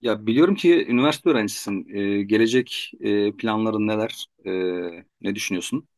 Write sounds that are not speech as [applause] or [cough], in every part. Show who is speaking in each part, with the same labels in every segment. Speaker 1: Ya biliyorum ki üniversite öğrencisisin. Gelecek planların neler? Ne düşünüyorsun?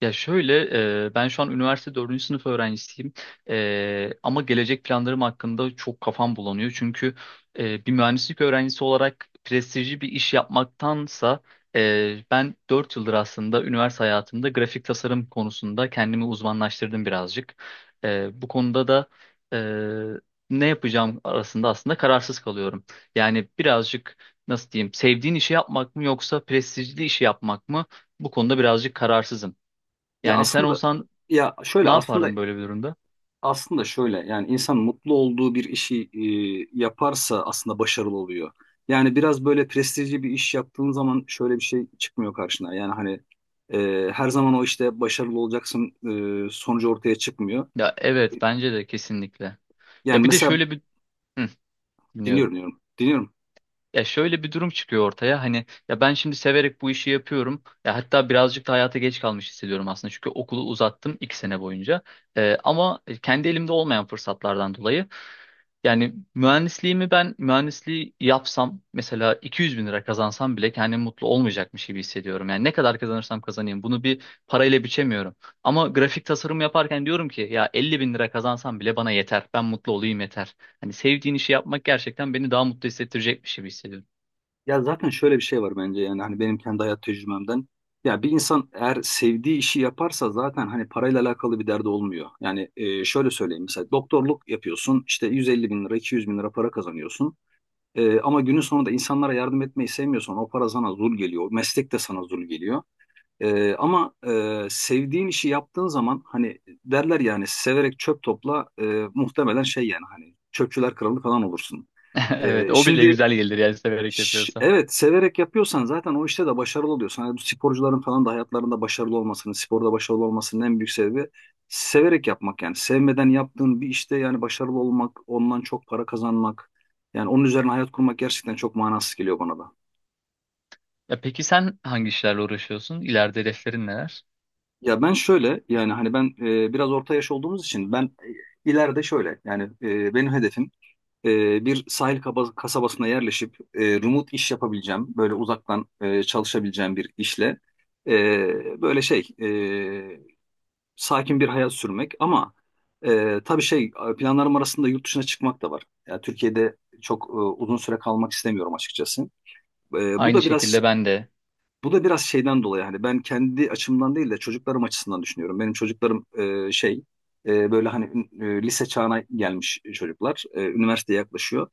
Speaker 2: Ya şöyle, ben şu an üniversite dördüncü sınıf öğrencisiyim. Ama gelecek planlarım hakkında çok kafam bulanıyor. Çünkü bir mühendislik öğrencisi olarak prestijli bir iş yapmaktansa ben 4 yıldır aslında üniversite hayatımda grafik tasarım konusunda kendimi uzmanlaştırdım birazcık. Bu konuda da e, ne yapacağım arasında aslında kararsız kalıyorum. Yani birazcık nasıl diyeyim, sevdiğin işi yapmak mı yoksa prestijli işi yapmak mı? Bu konuda birazcık kararsızım.
Speaker 1: Ya
Speaker 2: Yani sen
Speaker 1: aslında
Speaker 2: olsan
Speaker 1: ya
Speaker 2: ne
Speaker 1: şöyle aslında
Speaker 2: yapardın böyle bir durumda?
Speaker 1: aslında şöyle yani insan mutlu olduğu bir işi yaparsa aslında başarılı oluyor. Yani biraz böyle prestijli bir iş yaptığın zaman şöyle bir şey çıkmıyor karşına. Yani hani her zaman o işte başarılı olacaksın sonucu ortaya çıkmıyor.
Speaker 2: Ya evet bence de kesinlikle. Ya
Speaker 1: Yani
Speaker 2: bir de
Speaker 1: mesela
Speaker 2: şöyle bir... Hı, dinliyorum.
Speaker 1: dinliyorum diyorum. Dinliyorum.
Speaker 2: Ya şöyle bir durum çıkıyor ortaya. Hani ya ben şimdi severek bu işi yapıyorum. Ya hatta birazcık da hayata geç kalmış hissediyorum aslında. Çünkü okulu uzattım 2 sene boyunca. Ama kendi elimde olmayan fırsatlardan dolayı. Yani ben mühendisliği yapsam mesela 200 bin lira kazansam bile kendimi mutlu olmayacakmış gibi hissediyorum. Yani ne kadar kazanırsam kazanayım bunu bir parayla biçemiyorum. Ama grafik tasarım yaparken diyorum ki ya 50 bin lira kazansam bile bana yeter. Ben mutlu olayım yeter. Hani sevdiğin işi yapmak gerçekten beni daha mutlu hissettirecekmiş gibi hissediyorum.
Speaker 1: Ya zaten şöyle bir şey var bence yani hani benim kendi hayat tecrübemden. Ya bir insan eğer sevdiği işi yaparsa zaten hani parayla alakalı bir derdi olmuyor. Yani şöyle söyleyeyim, mesela doktorluk yapıyorsun, işte 150 bin lira 200 bin lira para kazanıyorsun. Ama günün sonunda insanlara yardım etmeyi sevmiyorsan o para sana zul geliyor. O meslek de sana zul geliyor. Ama sevdiğin işi yaptığın zaman hani derler yani severek çöp topla, muhtemelen şey yani hani çöpçüler kralı falan olursun.
Speaker 2: [laughs] Evet,
Speaker 1: E,
Speaker 2: o bile
Speaker 1: şimdi...
Speaker 2: güzel gelir yani severek
Speaker 1: Ş-
Speaker 2: yapıyorsa.
Speaker 1: Evet, severek yapıyorsan zaten o işte de başarılı oluyorsun. Hani bu sporcuların falan da hayatlarında başarılı olmasının, sporda başarılı olmasının en büyük sebebi severek yapmak yani. Sevmeden yaptığın bir işte yani başarılı olmak, ondan çok para kazanmak, yani onun üzerine hayat kurmak gerçekten çok manasız geliyor bana da.
Speaker 2: Ya peki sen hangi işlerle uğraşıyorsun? İleride hedeflerin neler?
Speaker 1: Ya ben şöyle yani hani ben biraz orta yaş olduğumuz için ben ileride şöyle yani benim hedefim bir sahil kasabasına yerleşip remote iş yapabileceğim, böyle uzaktan çalışabileceğim bir işle e, böyle şey sakin bir hayat sürmek, ama tabii şey planlarım arasında yurt dışına çıkmak da var. Yani Türkiye'de çok uzun süre kalmak istemiyorum açıkçası. E, bu
Speaker 2: Aynı
Speaker 1: da biraz
Speaker 2: şekilde ben de
Speaker 1: bu da biraz şeyden dolayı, hani ben kendi açımdan değil de çocuklarım açısından düşünüyorum. Benim çocuklarım e, şey böyle hani lise çağına gelmiş çocuklar. Üniversiteye yaklaşıyor.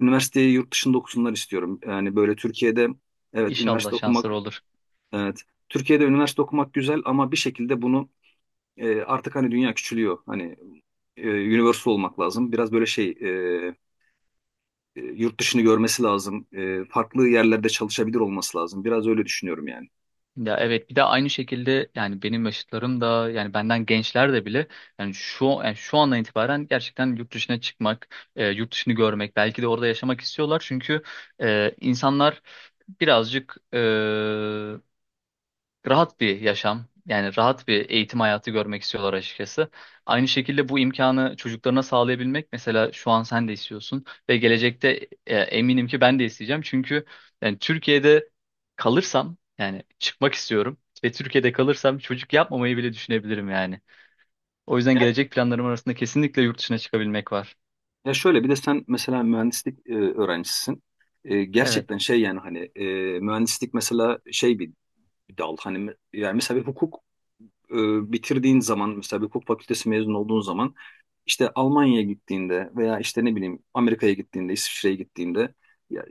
Speaker 1: Üniversiteyi yurt dışında okusunlar istiyorum. Yani böyle Türkiye'de, evet,
Speaker 2: inşallah
Speaker 1: üniversite okumak,
Speaker 2: şansları olur.
Speaker 1: evet, Türkiye'de üniversite okumak güzel ama bir şekilde bunu artık hani dünya küçülüyor. Hani universal olmak lazım. Biraz böyle yurt dışını görmesi lazım. Farklı yerlerde çalışabilir olması lazım. Biraz öyle düşünüyorum yani.
Speaker 2: Ya evet, bir de aynı şekilde yani benim yaşıtlarım da yani benden gençler de bile yani şu andan itibaren gerçekten yurt dışına çıkmak, yurt dışını görmek, belki de orada yaşamak istiyorlar. Çünkü insanlar birazcık rahat bir yaşam, yani rahat bir eğitim hayatı görmek istiyorlar açıkçası. Aynı şekilde bu imkanı çocuklarına sağlayabilmek mesela şu an sen de istiyorsun ve gelecekte eminim ki ben de isteyeceğim. Çünkü yani Türkiye'de kalırsam yani çıkmak istiyorum ve Türkiye'de kalırsam çocuk yapmamayı bile düşünebilirim yani. O yüzden
Speaker 1: Ya,
Speaker 2: gelecek planlarım arasında kesinlikle yurt dışına çıkabilmek var.
Speaker 1: şöyle bir de sen mesela mühendislik öğrencisisin. E,
Speaker 2: Evet.
Speaker 1: gerçekten şey yani hani mühendislik mesela şey bir dal, hani yani mesela bir hukuk e, bitirdiğin zaman, mesela bir hukuk fakültesi mezun olduğun zaman işte Almanya'ya gittiğinde veya işte ne bileyim Amerika'ya gittiğinde, İsviçre'ye gittiğinde, ya,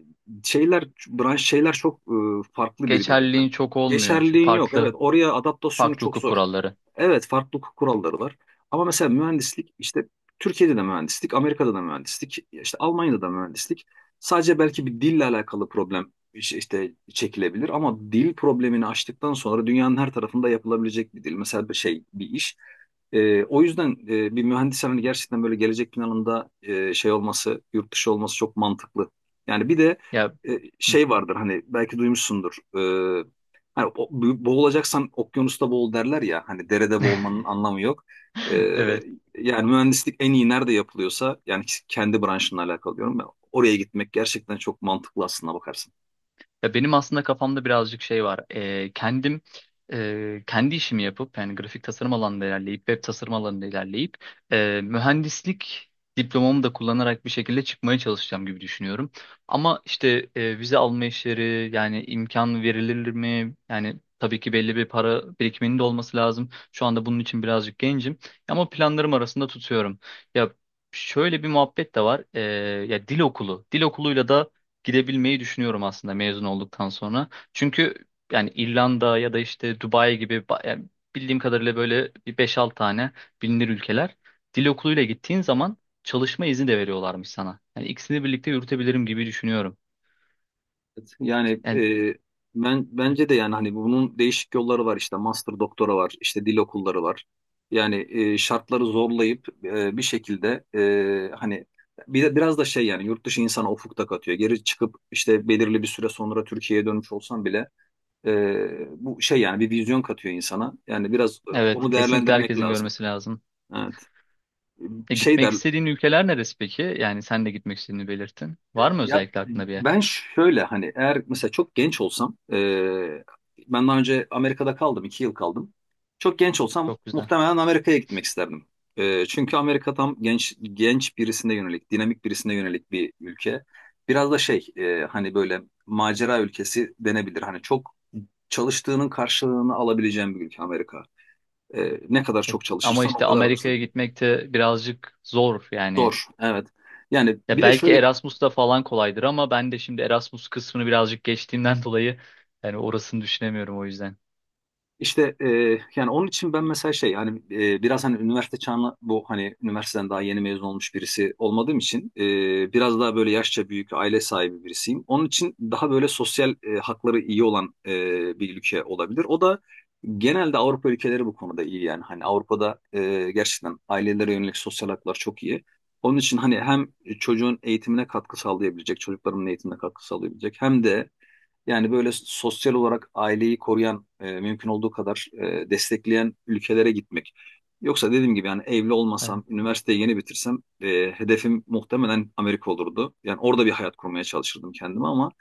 Speaker 1: şeyler branş şeyler çok farklı birbirinden.
Speaker 2: Geçerliliğin çok olmuyor çünkü
Speaker 1: Geçerliliğin yok. Evet,
Speaker 2: farklı
Speaker 1: oraya adaptasyonu
Speaker 2: farklı
Speaker 1: çok
Speaker 2: hukuk
Speaker 1: zor.
Speaker 2: kuralları.
Speaker 1: Evet, farklı hukuk kuralları var. Ama mesela mühendislik, işte Türkiye'de de mühendislik, Amerika'da da mühendislik, işte Almanya'da da mühendislik. Sadece belki bir dille alakalı problem işte çekilebilir ama dil problemini aştıktan sonra dünyanın her tarafında yapılabilecek bir dil. Mesela bir şey bir iş. O yüzden bir mühendis hani gerçekten böyle gelecek planında şey olması, yurt dışı olması çok mantıklı. Yani bir de
Speaker 2: Ya.
Speaker 1: şey vardır hani, belki duymuşsundur. Hani boğulacaksan okyanusta boğul derler ya. Hani derede boğulmanın anlamı yok. Ee,
Speaker 2: [laughs] Evet.
Speaker 1: yani mühendislik en iyi nerede yapılıyorsa, yani kendi branşınla alakalı diyorum ben. Oraya gitmek gerçekten çok mantıklı, aslında bakarsın.
Speaker 2: Ya benim aslında kafamda birazcık şey var. Kendim, e, kendi işimi yapıp yani grafik tasarım alanında ilerleyip web tasarım alanında ilerleyip mühendislik diplomamı da kullanarak bir şekilde çıkmaya çalışacağım gibi düşünüyorum. Ama işte vize alma işleri yani imkan verilir mi? Yani tabii ki belli bir para birikiminin de olması lazım. Şu anda bunun için birazcık gencim ama planlarım arasında tutuyorum. Ya şöyle bir muhabbet de var. Ya dil okulu. Dil okuluyla da gidebilmeyi düşünüyorum aslında mezun olduktan sonra. Çünkü yani İrlanda ya da işte Dubai gibi yani bildiğim kadarıyla böyle bir 5-6 tane bilinir ülkeler dil okuluyla gittiğin zaman çalışma izni de veriyorlarmış sana. Yani ikisini birlikte yürütebilirim gibi düşünüyorum.
Speaker 1: Evet. Yani
Speaker 2: Yani
Speaker 1: e, ben bence de yani hani bunun değişik yolları var, işte master doktora var, işte dil okulları var. Yani şartları zorlayıp bir şekilde hani bir de biraz da şey, yani yurt dışı insana ufuk da katıyor. Geri çıkıp işte belirli bir süre sonra Türkiye'ye dönmüş olsan bile, bu şey yani bir vizyon katıyor insana. Yani biraz
Speaker 2: evet,
Speaker 1: onu
Speaker 2: kesinlikle
Speaker 1: değerlendirmek
Speaker 2: herkesin
Speaker 1: lazım.
Speaker 2: görmesi lazım.
Speaker 1: Evet.
Speaker 2: E,
Speaker 1: Bir Şey
Speaker 2: gitmek
Speaker 1: der
Speaker 2: istediğin ülkeler neresi peki? Yani sen de gitmek istediğini belirttin.
Speaker 1: e,
Speaker 2: Var mı
Speaker 1: ya
Speaker 2: özellikle aklında bir yer?
Speaker 1: ben şöyle hani, eğer mesela çok genç olsam, ben daha önce Amerika'da kaldım, iki yıl kaldım. Çok genç olsam
Speaker 2: Çok güzel.
Speaker 1: muhtemelen Amerika'ya gitmek isterdim. Çünkü Amerika tam genç genç birisine yönelik, dinamik birisine yönelik bir ülke. Biraz da şey hani böyle macera ülkesi denebilir. Hani çok çalıştığının karşılığını alabileceğim bir ülke Amerika. Ne kadar
Speaker 2: E,
Speaker 1: çok
Speaker 2: ama
Speaker 1: çalışırsan o
Speaker 2: işte
Speaker 1: kadar alırsın.
Speaker 2: Amerika'ya gitmek de birazcık zor yani.
Speaker 1: Zor, evet. Yani
Speaker 2: Ya
Speaker 1: bir de
Speaker 2: belki
Speaker 1: şöyle.
Speaker 2: Erasmus'ta falan kolaydır ama ben de şimdi Erasmus kısmını birazcık geçtiğimden dolayı yani orasını düşünemiyorum o yüzden.
Speaker 1: İşte, yani onun için ben mesela şey hani biraz hani üniversite çağına, bu hani üniversiteden daha yeni mezun olmuş birisi olmadığım için biraz daha böyle yaşça büyük aile sahibi birisiyim. Onun için daha böyle sosyal hakları iyi olan bir ülke olabilir. O da genelde Avrupa ülkeleri, bu konuda iyi yani, hani Avrupa'da gerçekten ailelere yönelik sosyal haklar çok iyi. Onun için hani hem çocuğun eğitimine katkı sağlayabilecek, çocuklarımın eğitimine katkı sağlayabilecek hem de yani böyle sosyal olarak aileyi koruyan, mümkün olduğu kadar destekleyen ülkelere gitmek. Yoksa dediğim gibi, yani evli olmasam, üniversiteyi yeni bitirsem hedefim muhtemelen Amerika olurdu. Yani orada bir hayat kurmaya çalışırdım kendime, ama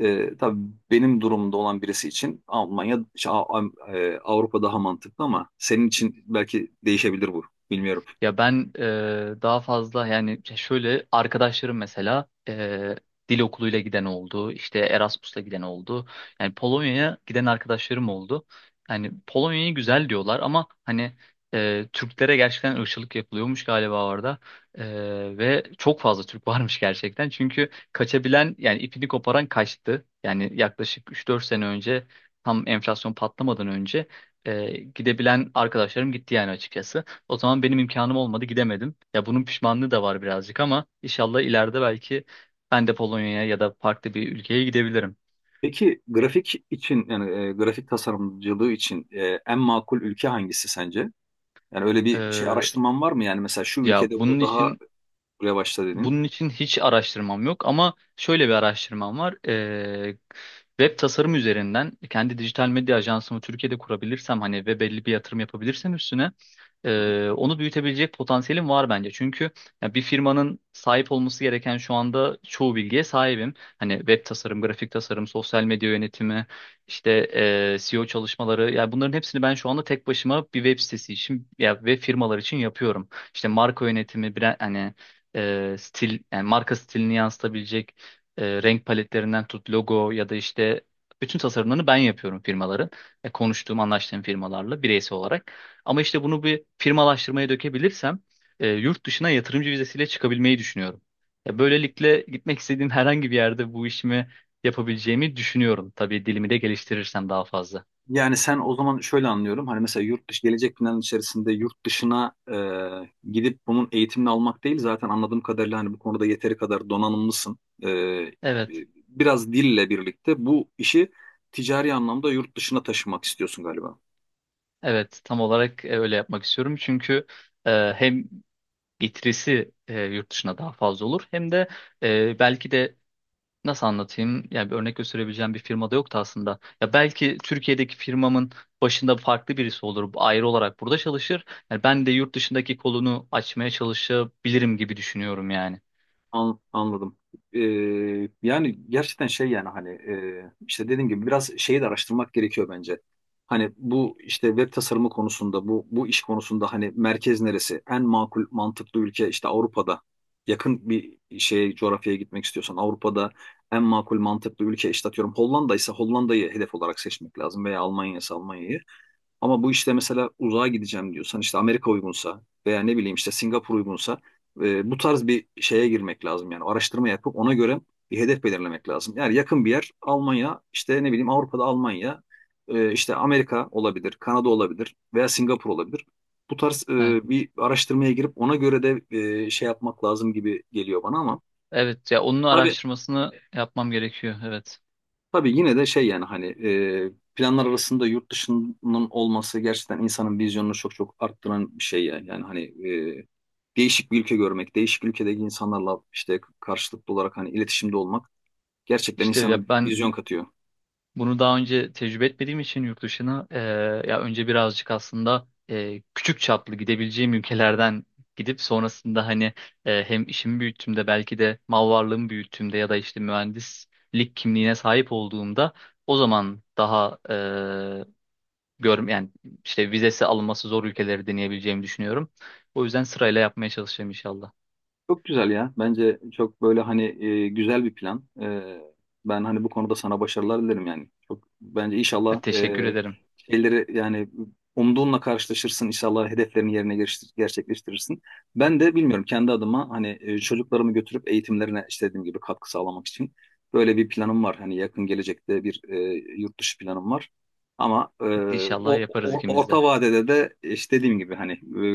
Speaker 1: tabii benim durumda olan birisi için Almanya, şey, Avrupa daha mantıklı, ama senin için belki değişebilir bu. Bilmiyorum.
Speaker 2: Ya ben, daha fazla yani şöyle arkadaşlarım mesela dil okuluyla giden oldu, işte Erasmus'la giden oldu. Yani Polonya'ya giden arkadaşlarım oldu. Yani Polonya'yı güzel diyorlar ama hani Türklere gerçekten ırkçılık yapılıyormuş galiba orada. E, ve çok fazla Türk [laughs] varmış gerçekten. Çünkü kaçabilen yani ipini koparan kaçtı. Yani yaklaşık 3-4 sene önce tam enflasyon patlamadan önce gidebilen arkadaşlarım gitti yani açıkçası. O zaman benim imkanım olmadı, gidemedim. Ya bunun pişmanlığı da var birazcık ama inşallah ileride belki ben de Polonya'ya ya da farklı bir ülkeye gidebilirim.
Speaker 1: Peki, grafik için yani grafik tasarımcılığı için en makul ülke hangisi sence? Yani öyle bir şey
Speaker 2: Ee,
Speaker 1: araştırman var mı? Yani mesela şu
Speaker 2: ya
Speaker 1: ülkede bu daha revaçta dedin.
Speaker 2: bunun için hiç araştırmam yok ama şöyle bir araştırmam var. Web tasarım üzerinden kendi dijital medya ajansımı Türkiye'de kurabilirsem hani ve belli bir yatırım yapabilirsem üstüne.
Speaker 1: Hı hı.
Speaker 2: Onu büyütebilecek potansiyelim var bence. Çünkü ya bir firmanın sahip olması gereken şu anda çoğu bilgiye sahibim. Hani web tasarım, grafik tasarım, sosyal medya yönetimi, işte SEO çalışmaları. Yani bunların hepsini ben şu anda tek başıma bir web sitesi için ya ve firmalar için yapıyorum. İşte marka yönetimi, brand, hani stil, yani marka stilini yansıtabilecek renk paletlerinden tut logo ya da işte bütün tasarımlarını ben yapıyorum firmaların. Konuştuğum, anlaştığım firmalarla bireysel olarak. Ama işte bunu bir firmalaştırmaya dökebilirsem yurt dışına yatırımcı vizesiyle çıkabilmeyi düşünüyorum. Ya böylelikle gitmek istediğim [laughs] herhangi bir yerde bu işimi yapabileceğimi düşünüyorum. Tabii dilimi de geliştirirsem daha fazla.
Speaker 1: Yani sen o zaman şöyle anlıyorum. Hani mesela yurt dışı gelecek planın içerisinde yurt dışına gidip bunun eğitimini almak değil. Zaten anladığım kadarıyla hani bu konuda yeteri kadar donanımlısın. E, e,
Speaker 2: Evet,
Speaker 1: biraz dille birlikte bu işi ticari anlamda yurt dışına taşımak istiyorsun galiba.
Speaker 2: evet, tam olarak öyle yapmak istiyorum. Çünkü hem getirisi yurt dışına daha fazla olur hem de belki de... Nasıl anlatayım? Yani bir örnek gösterebileceğim bir firma da yoktu aslında. Ya belki Türkiye'deki firmamın başında farklı birisi olur. Ayrı olarak burada çalışır. Yani ben de yurt dışındaki kolunu açmaya çalışabilirim gibi düşünüyorum yani.
Speaker 1: Anladım. Ee, yani gerçekten şey yani hani işte dediğim gibi biraz şeyi de araştırmak gerekiyor bence. Hani bu işte web tasarımı konusunda, bu iş konusunda hani merkez neresi? En makul mantıklı ülke işte Avrupa'da. Yakın bir şeye, coğrafyaya gitmek istiyorsan, Avrupa'da en makul mantıklı ülke işte, atıyorum, Hollanda ise Hollanda'yı hedef olarak seçmek lazım veya Almanya ise Almanya'yı. Ama bu işte mesela uzağa gideceğim diyorsan, işte Amerika uygunsa veya ne bileyim işte Singapur uygunsa, bu tarz bir şeye girmek lazım, yani araştırma yapıp ona göre bir hedef belirlemek lazım. Yani yakın bir yer Almanya, işte ne bileyim Avrupa'da Almanya, işte Amerika olabilir, Kanada olabilir veya Singapur olabilir. Bu tarz
Speaker 2: Evet.
Speaker 1: bir araştırmaya girip ona göre de şey yapmak lazım gibi geliyor bana, ama
Speaker 2: Evet, ya onun
Speaker 1: tabii
Speaker 2: araştırmasını yapmam gerekiyor. Evet.
Speaker 1: Tabii yine de şey yani, hani planlar arasında yurt dışının olması gerçekten insanın vizyonunu çok çok arttıran bir şey yani. Yani hani e, değişik bir ülke görmek, değişik ülkedeki insanlarla işte karşılıklı olarak hani iletişimde olmak gerçekten
Speaker 2: İşte
Speaker 1: insanın
Speaker 2: ya ben,
Speaker 1: vizyon katıyor.
Speaker 2: bunu daha önce tecrübe etmediğim için yurt dışına, ya önce birazcık aslında küçük çaplı gidebileceğim ülkelerden gidip sonrasında hani hem işimi büyüttüğümde belki de mal varlığımı büyüttüğümde ya da işte mühendislik kimliğine sahip olduğumda o zaman daha, e, görm yani işte vizesi alınması zor ülkeleri deneyebileceğimi düşünüyorum. O yüzden sırayla yapmaya çalışacağım inşallah.
Speaker 1: Çok güzel ya. Bence çok böyle hani güzel bir plan. Ben hani bu konuda sana başarılar dilerim yani. Çok bence inşallah
Speaker 2: Teşekkür ederim.
Speaker 1: şeyleri yani umduğunla karşılaşırsın. İnşallah hedeflerini yerine gerçekleştirirsin. Ben de bilmiyorum kendi adıma, hani çocuklarımı götürüp eğitimlerine işte dediğim gibi katkı sağlamak için böyle bir planım var. Hani yakın gelecekte bir yurt dışı planım var. Ama
Speaker 2: İnşallah yaparız ikimiz de.
Speaker 1: orta vadede de işte dediğim gibi hani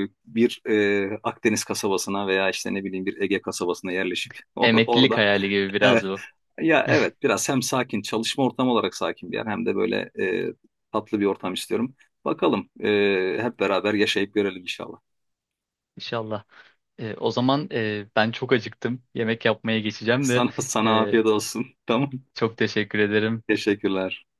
Speaker 1: bir Akdeniz kasabasına veya işte ne bileyim bir Ege kasabasına yerleşip [laughs]
Speaker 2: Emeklilik
Speaker 1: orada,
Speaker 2: hayali gibi biraz
Speaker 1: evet,
Speaker 2: bu.
Speaker 1: ya, evet, biraz hem sakin çalışma ortamı olarak sakin bir yer, hem de böyle tatlı bir ortam istiyorum. Bakalım hep beraber yaşayıp görelim inşallah.
Speaker 2: İnşallah. O zaman ben çok acıktım. Yemek yapmaya
Speaker 1: [laughs]
Speaker 2: geçeceğim de
Speaker 1: Sana
Speaker 2: e,
Speaker 1: afiyet olsun. [laughs] Tamam.
Speaker 2: çok teşekkür ederim.
Speaker 1: Teşekkürler.